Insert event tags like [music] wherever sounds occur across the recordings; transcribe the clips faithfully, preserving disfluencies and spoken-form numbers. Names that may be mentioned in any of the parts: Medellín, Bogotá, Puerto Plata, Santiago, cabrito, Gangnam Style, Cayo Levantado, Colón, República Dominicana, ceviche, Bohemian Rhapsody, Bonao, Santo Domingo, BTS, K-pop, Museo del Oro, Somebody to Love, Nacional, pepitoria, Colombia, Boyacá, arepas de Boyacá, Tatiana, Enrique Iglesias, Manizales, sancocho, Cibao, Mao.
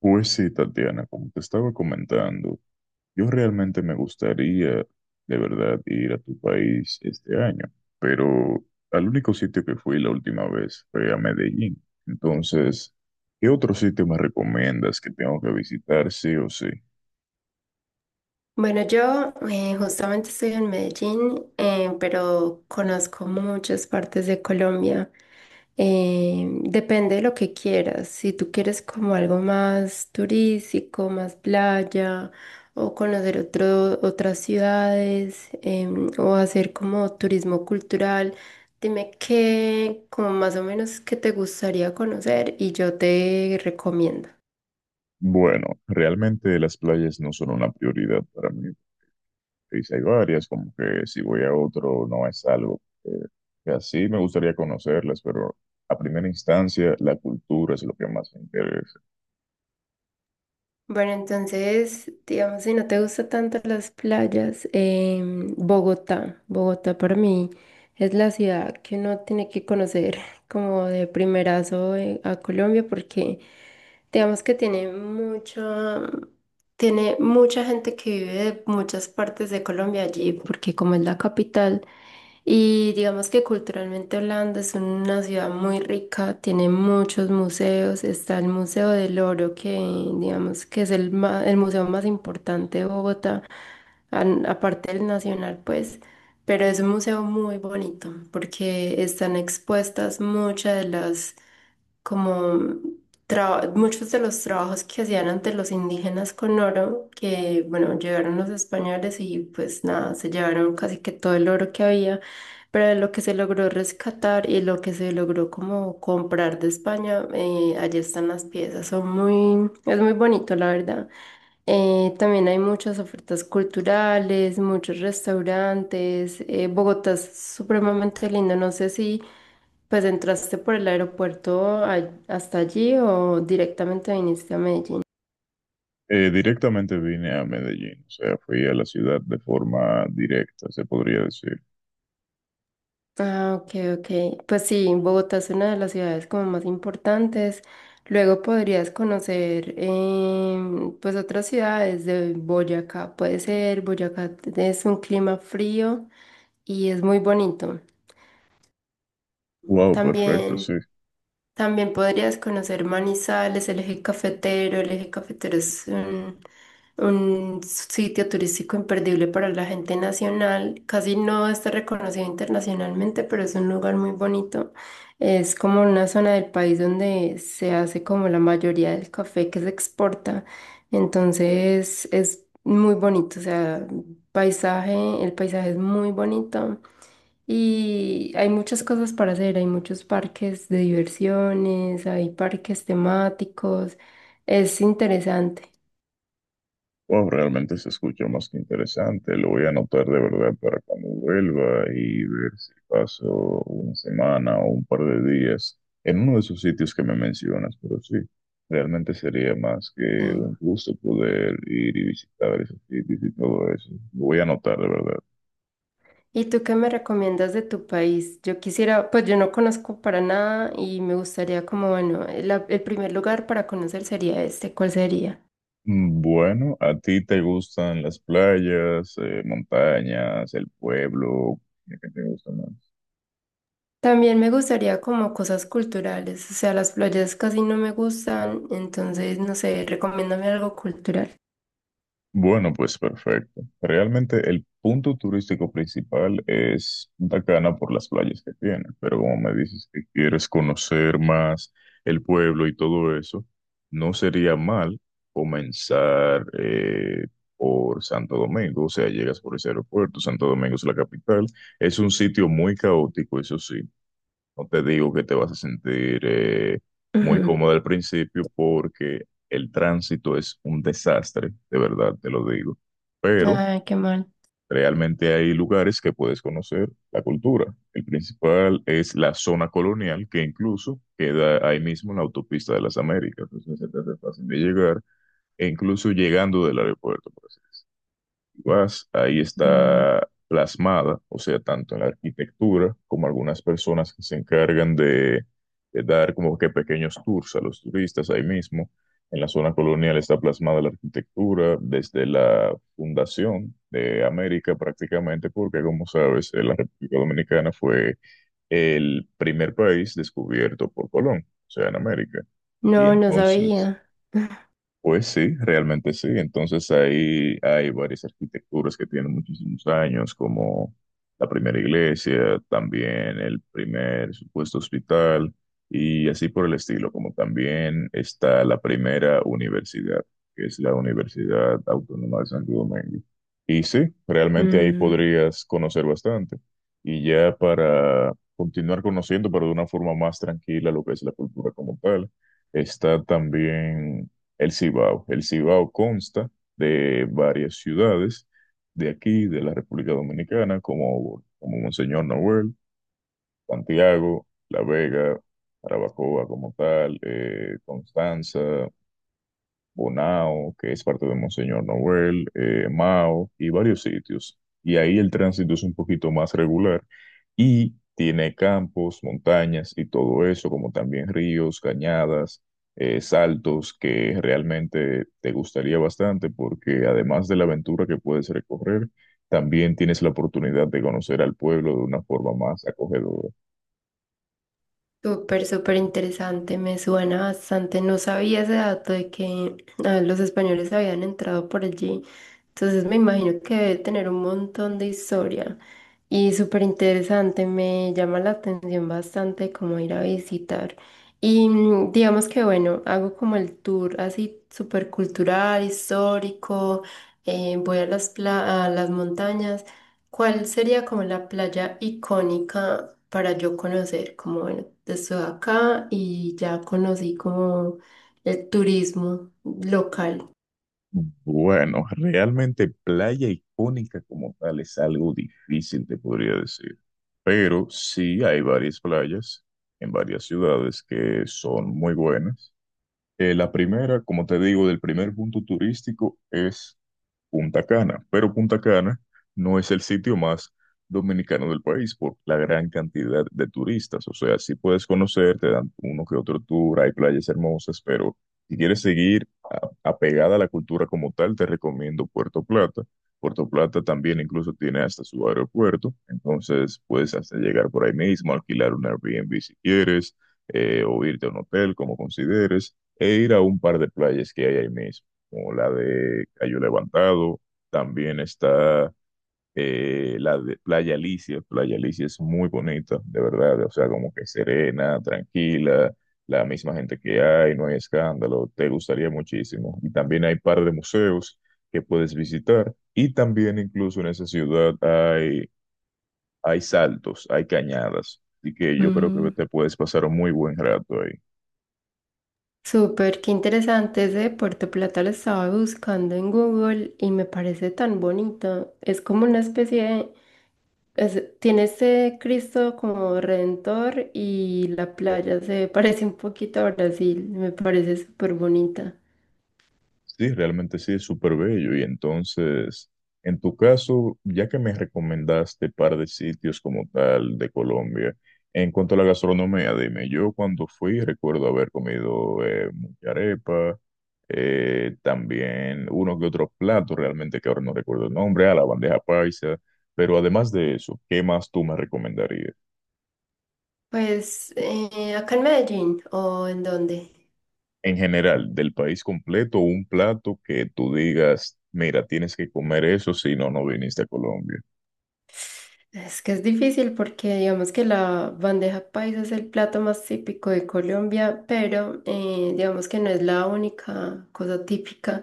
Pues sí, Tatiana, como te estaba comentando, yo realmente me gustaría de verdad ir a tu país este año, pero al único sitio que fui la última vez fue a Medellín. Entonces, ¿qué otro sitio me recomiendas que tengo que visitar sí o sí? Bueno, yo eh, justamente estoy en Medellín, eh, pero conozco muchas partes de Colombia. Eh, depende de lo que quieras. Si tú quieres como algo más turístico, más playa, o conocer otro- otras ciudades, em, o hacer como turismo cultural, dime qué, como más o menos qué te gustaría conocer y yo te recomiendo. Bueno, realmente las playas no son una prioridad para mí. Pues Hay varias, como que si voy a otro no es algo que, que así me gustaría conocerlas, pero a primera instancia la cultura es lo que más me interesa. Bueno, entonces, digamos, si no te gustan tanto las playas, em, Bogotá, Bogotá para mí es la ciudad que uno tiene que conocer [laughs] como de primerazo eh, a Colombia porque digamos que tiene mucha, tiene mucha gente que vive de muchas partes de Colombia allí porque como es la capital, y digamos que culturalmente Holanda es una ciudad muy rica, tiene muchos museos, está el Museo del Oro, que digamos que es el, ma- el museo más importante de Bogotá, an- aparte del Nacional, pues, pero es un museo muy bonito porque están expuestas muchas de las como tra- muchos de los trabajos que hacían antes los indígenas con oro, que bueno, llegaron los españoles y pues nada, se llevaron casi que todo el oro que había, pero de lo que se logró rescatar y lo que se logró como comprar de España, eh, allí están las piezas, son muy, es muy bonito la verdad. Eh, también hay muchas ofertas culturales, muchos restaurantes, eh, Bogotá es supremamente lindo, no sé si... Pues entraste por el aeropuerto a- hasta allí o directamente viniste a Medellín. Eh, directamente vine a Medellín, o sea, fui a la ciudad de forma directa, se podría decir. Ah, ok, ok. Pues sí, Bogotá es una de las ciudades como más importantes. Luego podrías conocer em, pues otras ciudades de Boyacá. Puede ser, Boyacá es un clima frío y es muy bonito. Wow, perfecto, También. sí. También podrías conocer Manizales, el eje cafetero. El eje cafetero es un, un sitio turístico imperdible para la gente nacional. Casi no está reconocido internacionalmente, pero es un lugar muy bonito. Es como una zona del país donde se hace como la mayoría del café que se exporta. Entonces es muy bonito, o sea, paisaje, el paisaje es muy bonito. Y hay muchas cosas para hacer, hay muchos parques de diversiones, hay parques temáticos, es interesante. Wow, realmente se escucha más que interesante. Lo voy a anotar de verdad para cuando vuelva y ver si paso una semana o un par de días en uno de esos sitios que me mencionas, pero sí, realmente sería más que Sí. un gusto poder ir y visitar esos sitios y todo eso. Lo voy a anotar de verdad. ¿Y tú qué me recomiendas de tu país? Yo quisiera, pues yo no conozco para nada y me gustaría como, bueno, la- el primer lugar para conocer sería este, ¿cuál sería? Bueno, ¿a ti te gustan las playas, eh, montañas, el pueblo? ¿Qué te gusta más? También me gustaría como cosas culturales, o sea, las playas casi no me gustan, entonces, no sé, recomiéndame algo cultural. Bueno, pues perfecto. Realmente el punto turístico principal es Punta Cana por las playas que tiene, pero como me dices que quieres conocer más el pueblo y todo eso, no sería mal comenzar eh, por Santo Domingo, o sea, llegas por ese aeropuerto, Santo Domingo es la capital, es un sitio muy caótico, eso sí. No te digo que te vas a sentir eh, [laughs] muy Ujú. cómodo al principio porque el tránsito es un desastre, de verdad te lo digo. Pero Ay, qué mal. realmente hay lugares que puedes conocer la cultura. El principal es la zona colonial, que incluso queda ahí mismo en la autopista de las Américas. Entonces se te hace fácil de llegar, e incluso llegando del aeropuerto vas, ahí Mm. está plasmada, o sea, tanto en la arquitectura como algunas personas que se encargan de, de dar como que pequeños tours a los turistas ahí mismo. En la zona colonial está plasmada la arquitectura desde la fundación de América prácticamente, porque como sabes, eh, la República Dominicana fue el primer país descubierto por Colón, o sea, en América. Y No, no entonces... sabía. [laughs] Pues sí, realmente sí. Entonces ahí hay varias arquitecturas que tienen muchísimos años, como la primera iglesia, también el primer supuesto hospital y así por el estilo, como también está la primera universidad, que es la Universidad Autónoma de Santo Domingo. Y sí, realmente ahí Mm, podrías conocer bastante. Y ya para continuar conociendo, pero de una forma más tranquila, lo que es la cultura como tal. Está también el Cibao. El Cibao consta de varias ciudades de aquí, de la República Dominicana, como, como Monseñor Noel, Santiago, La Vega, Jarabacoa como tal, eh, Constanza, Bonao, que es parte de Monseñor Noel, eh, Mao y varios sitios. Y ahí el tránsito es un poquito más regular y tiene campos, montañas y todo eso, como también ríos, cañadas, eh, saltos, que realmente te gustaría bastante porque además de la aventura que puedes recorrer, también tienes la oportunidad de conocer al pueblo de una forma más acogedora. súper, súper interesante, me suena bastante. No sabía ese dato de que ah, los españoles habían entrado por allí. Entonces me imagino que debe tener un montón de historia. Y súper interesante, me llama la atención bastante cómo ir a visitar. Y mm, digamos que bueno, hago como el tour así súper cultural, histórico, eh, voy a las, pla- a las montañas. ¿Cuál sería como la playa icónica para yo conocer? Como bueno, estoy acá y ya conocí como el turismo local. Bueno, realmente playa icónica como tal es algo difícil, te podría decir. Pero sí hay varias playas en varias ciudades que son muy buenas. Eh, la primera, como te digo, del primer punto turístico es Punta Cana, pero Punta Cana no es el sitio más dominicano del país por la gran cantidad de turistas. O sea, sí puedes conocer, te dan uno que otro tour, hay playas hermosas, pero si quieres seguir a- apegada a la cultura como tal, te recomiendo Puerto Plata. Puerto Plata también incluso tiene hasta su aeropuerto, entonces puedes hasta llegar por ahí mismo, alquilar un Airbnb si quieres, eh, o irte a un hotel como consideres, e ir a un par de playas que hay ahí mismo como la de Cayo Levantado, también está eh, la de Playa Alicia. Playa Alicia es muy bonita, de verdad, o sea, como que serena, tranquila, la misma gente que hay, no hay escándalo, te gustaría muchísimo. Y también hay par de museos que puedes visitar y también incluso en esa ciudad hay, hay saltos, hay cañadas, así que yo creo que te puedes pasar un muy buen rato ahí. Súper, qué interesante. Ese de Puerto Plata lo estaba buscando en Google y me parece tan bonito. Es como una especie de... es- tiene ese Cristo como redentor y la playa se [laughs] parece un poquito a Brasil. Me parece súper bonita. Sí, realmente sí, es súper bello. Y entonces, en tu caso, ya que me recomendaste par de sitios como tal de Colombia, en cuanto a la gastronomía, dime, yo cuando fui recuerdo haber comido eh, mucha arepa, eh, también uno que otro plato, realmente que ahora no recuerdo el nombre, a la bandeja paisa, pero además de eso, ¿qué más tú me recomendarías? Pues, eh, ¿acá en Medellín o en dónde? En general, del país completo, un plato que tú digas, mira, tienes que comer eso, si no, no viniste a Colombia. Es que es difícil porque digamos que la bandeja paisa es el plato más típico de Colombia, pero eh, digamos que no es la única cosa típica.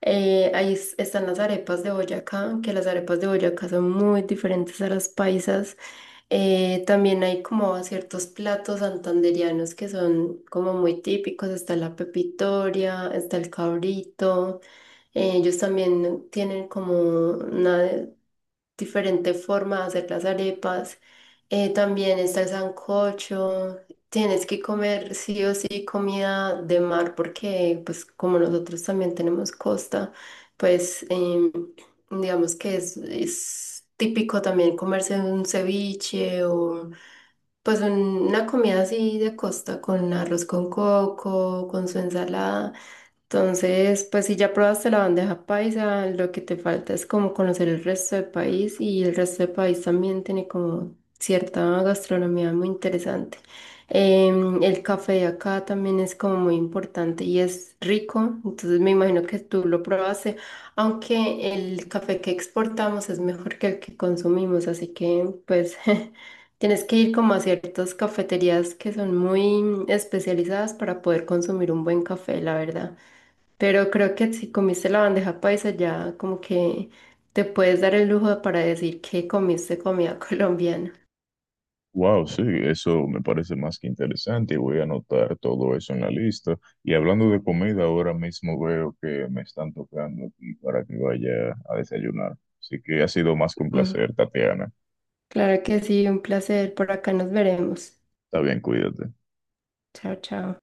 Eh, ahí es- están las arepas de Boyacá, que las arepas de Boyacá son muy diferentes a las paisas. Eh, también hay como ciertos platos santandereanos que son como muy típicos. Está la pepitoria, está el cabrito. Eh, ellos también tienen como una diferente forma de hacer las arepas. Eh, también está el sancocho. Tienes que comer sí o sí comida de mar porque, pues, como nosotros también tenemos costa, pues, em, digamos que es, es típico también comerse un ceviche o, pues, un- una comida así de costa con arroz con coco, con su ensalada. Entonces, pues si ya probaste la bandeja paisa, lo que te falta es como conocer el resto del país y el resto del país también tiene como cierta gastronomía muy interesante. Em, el café de acá también es como muy importante y es rico, entonces me imagino que tú lo probaste, aunque el café que exportamos es mejor que el que consumimos, así que pues [laughs] tienes que ir como a ciertas cafeterías que son muy especializadas para poder consumir un buen café, la verdad. Pero creo que si comiste la bandeja paisa ya como que te puedes dar el lujo para decir que comiste comida [laughs] colombiana. Wow, sí, eso me parece más que interesante y voy a anotar todo eso en la lista. Y hablando de comida, ahora mismo veo que me están tocando aquí para que vaya a desayunar. Así que ha sido más que un Mm, placer, Tatiana. claro que sí, un placer. Por acá nos veremos. Está bien, cuídate. Chao, chao.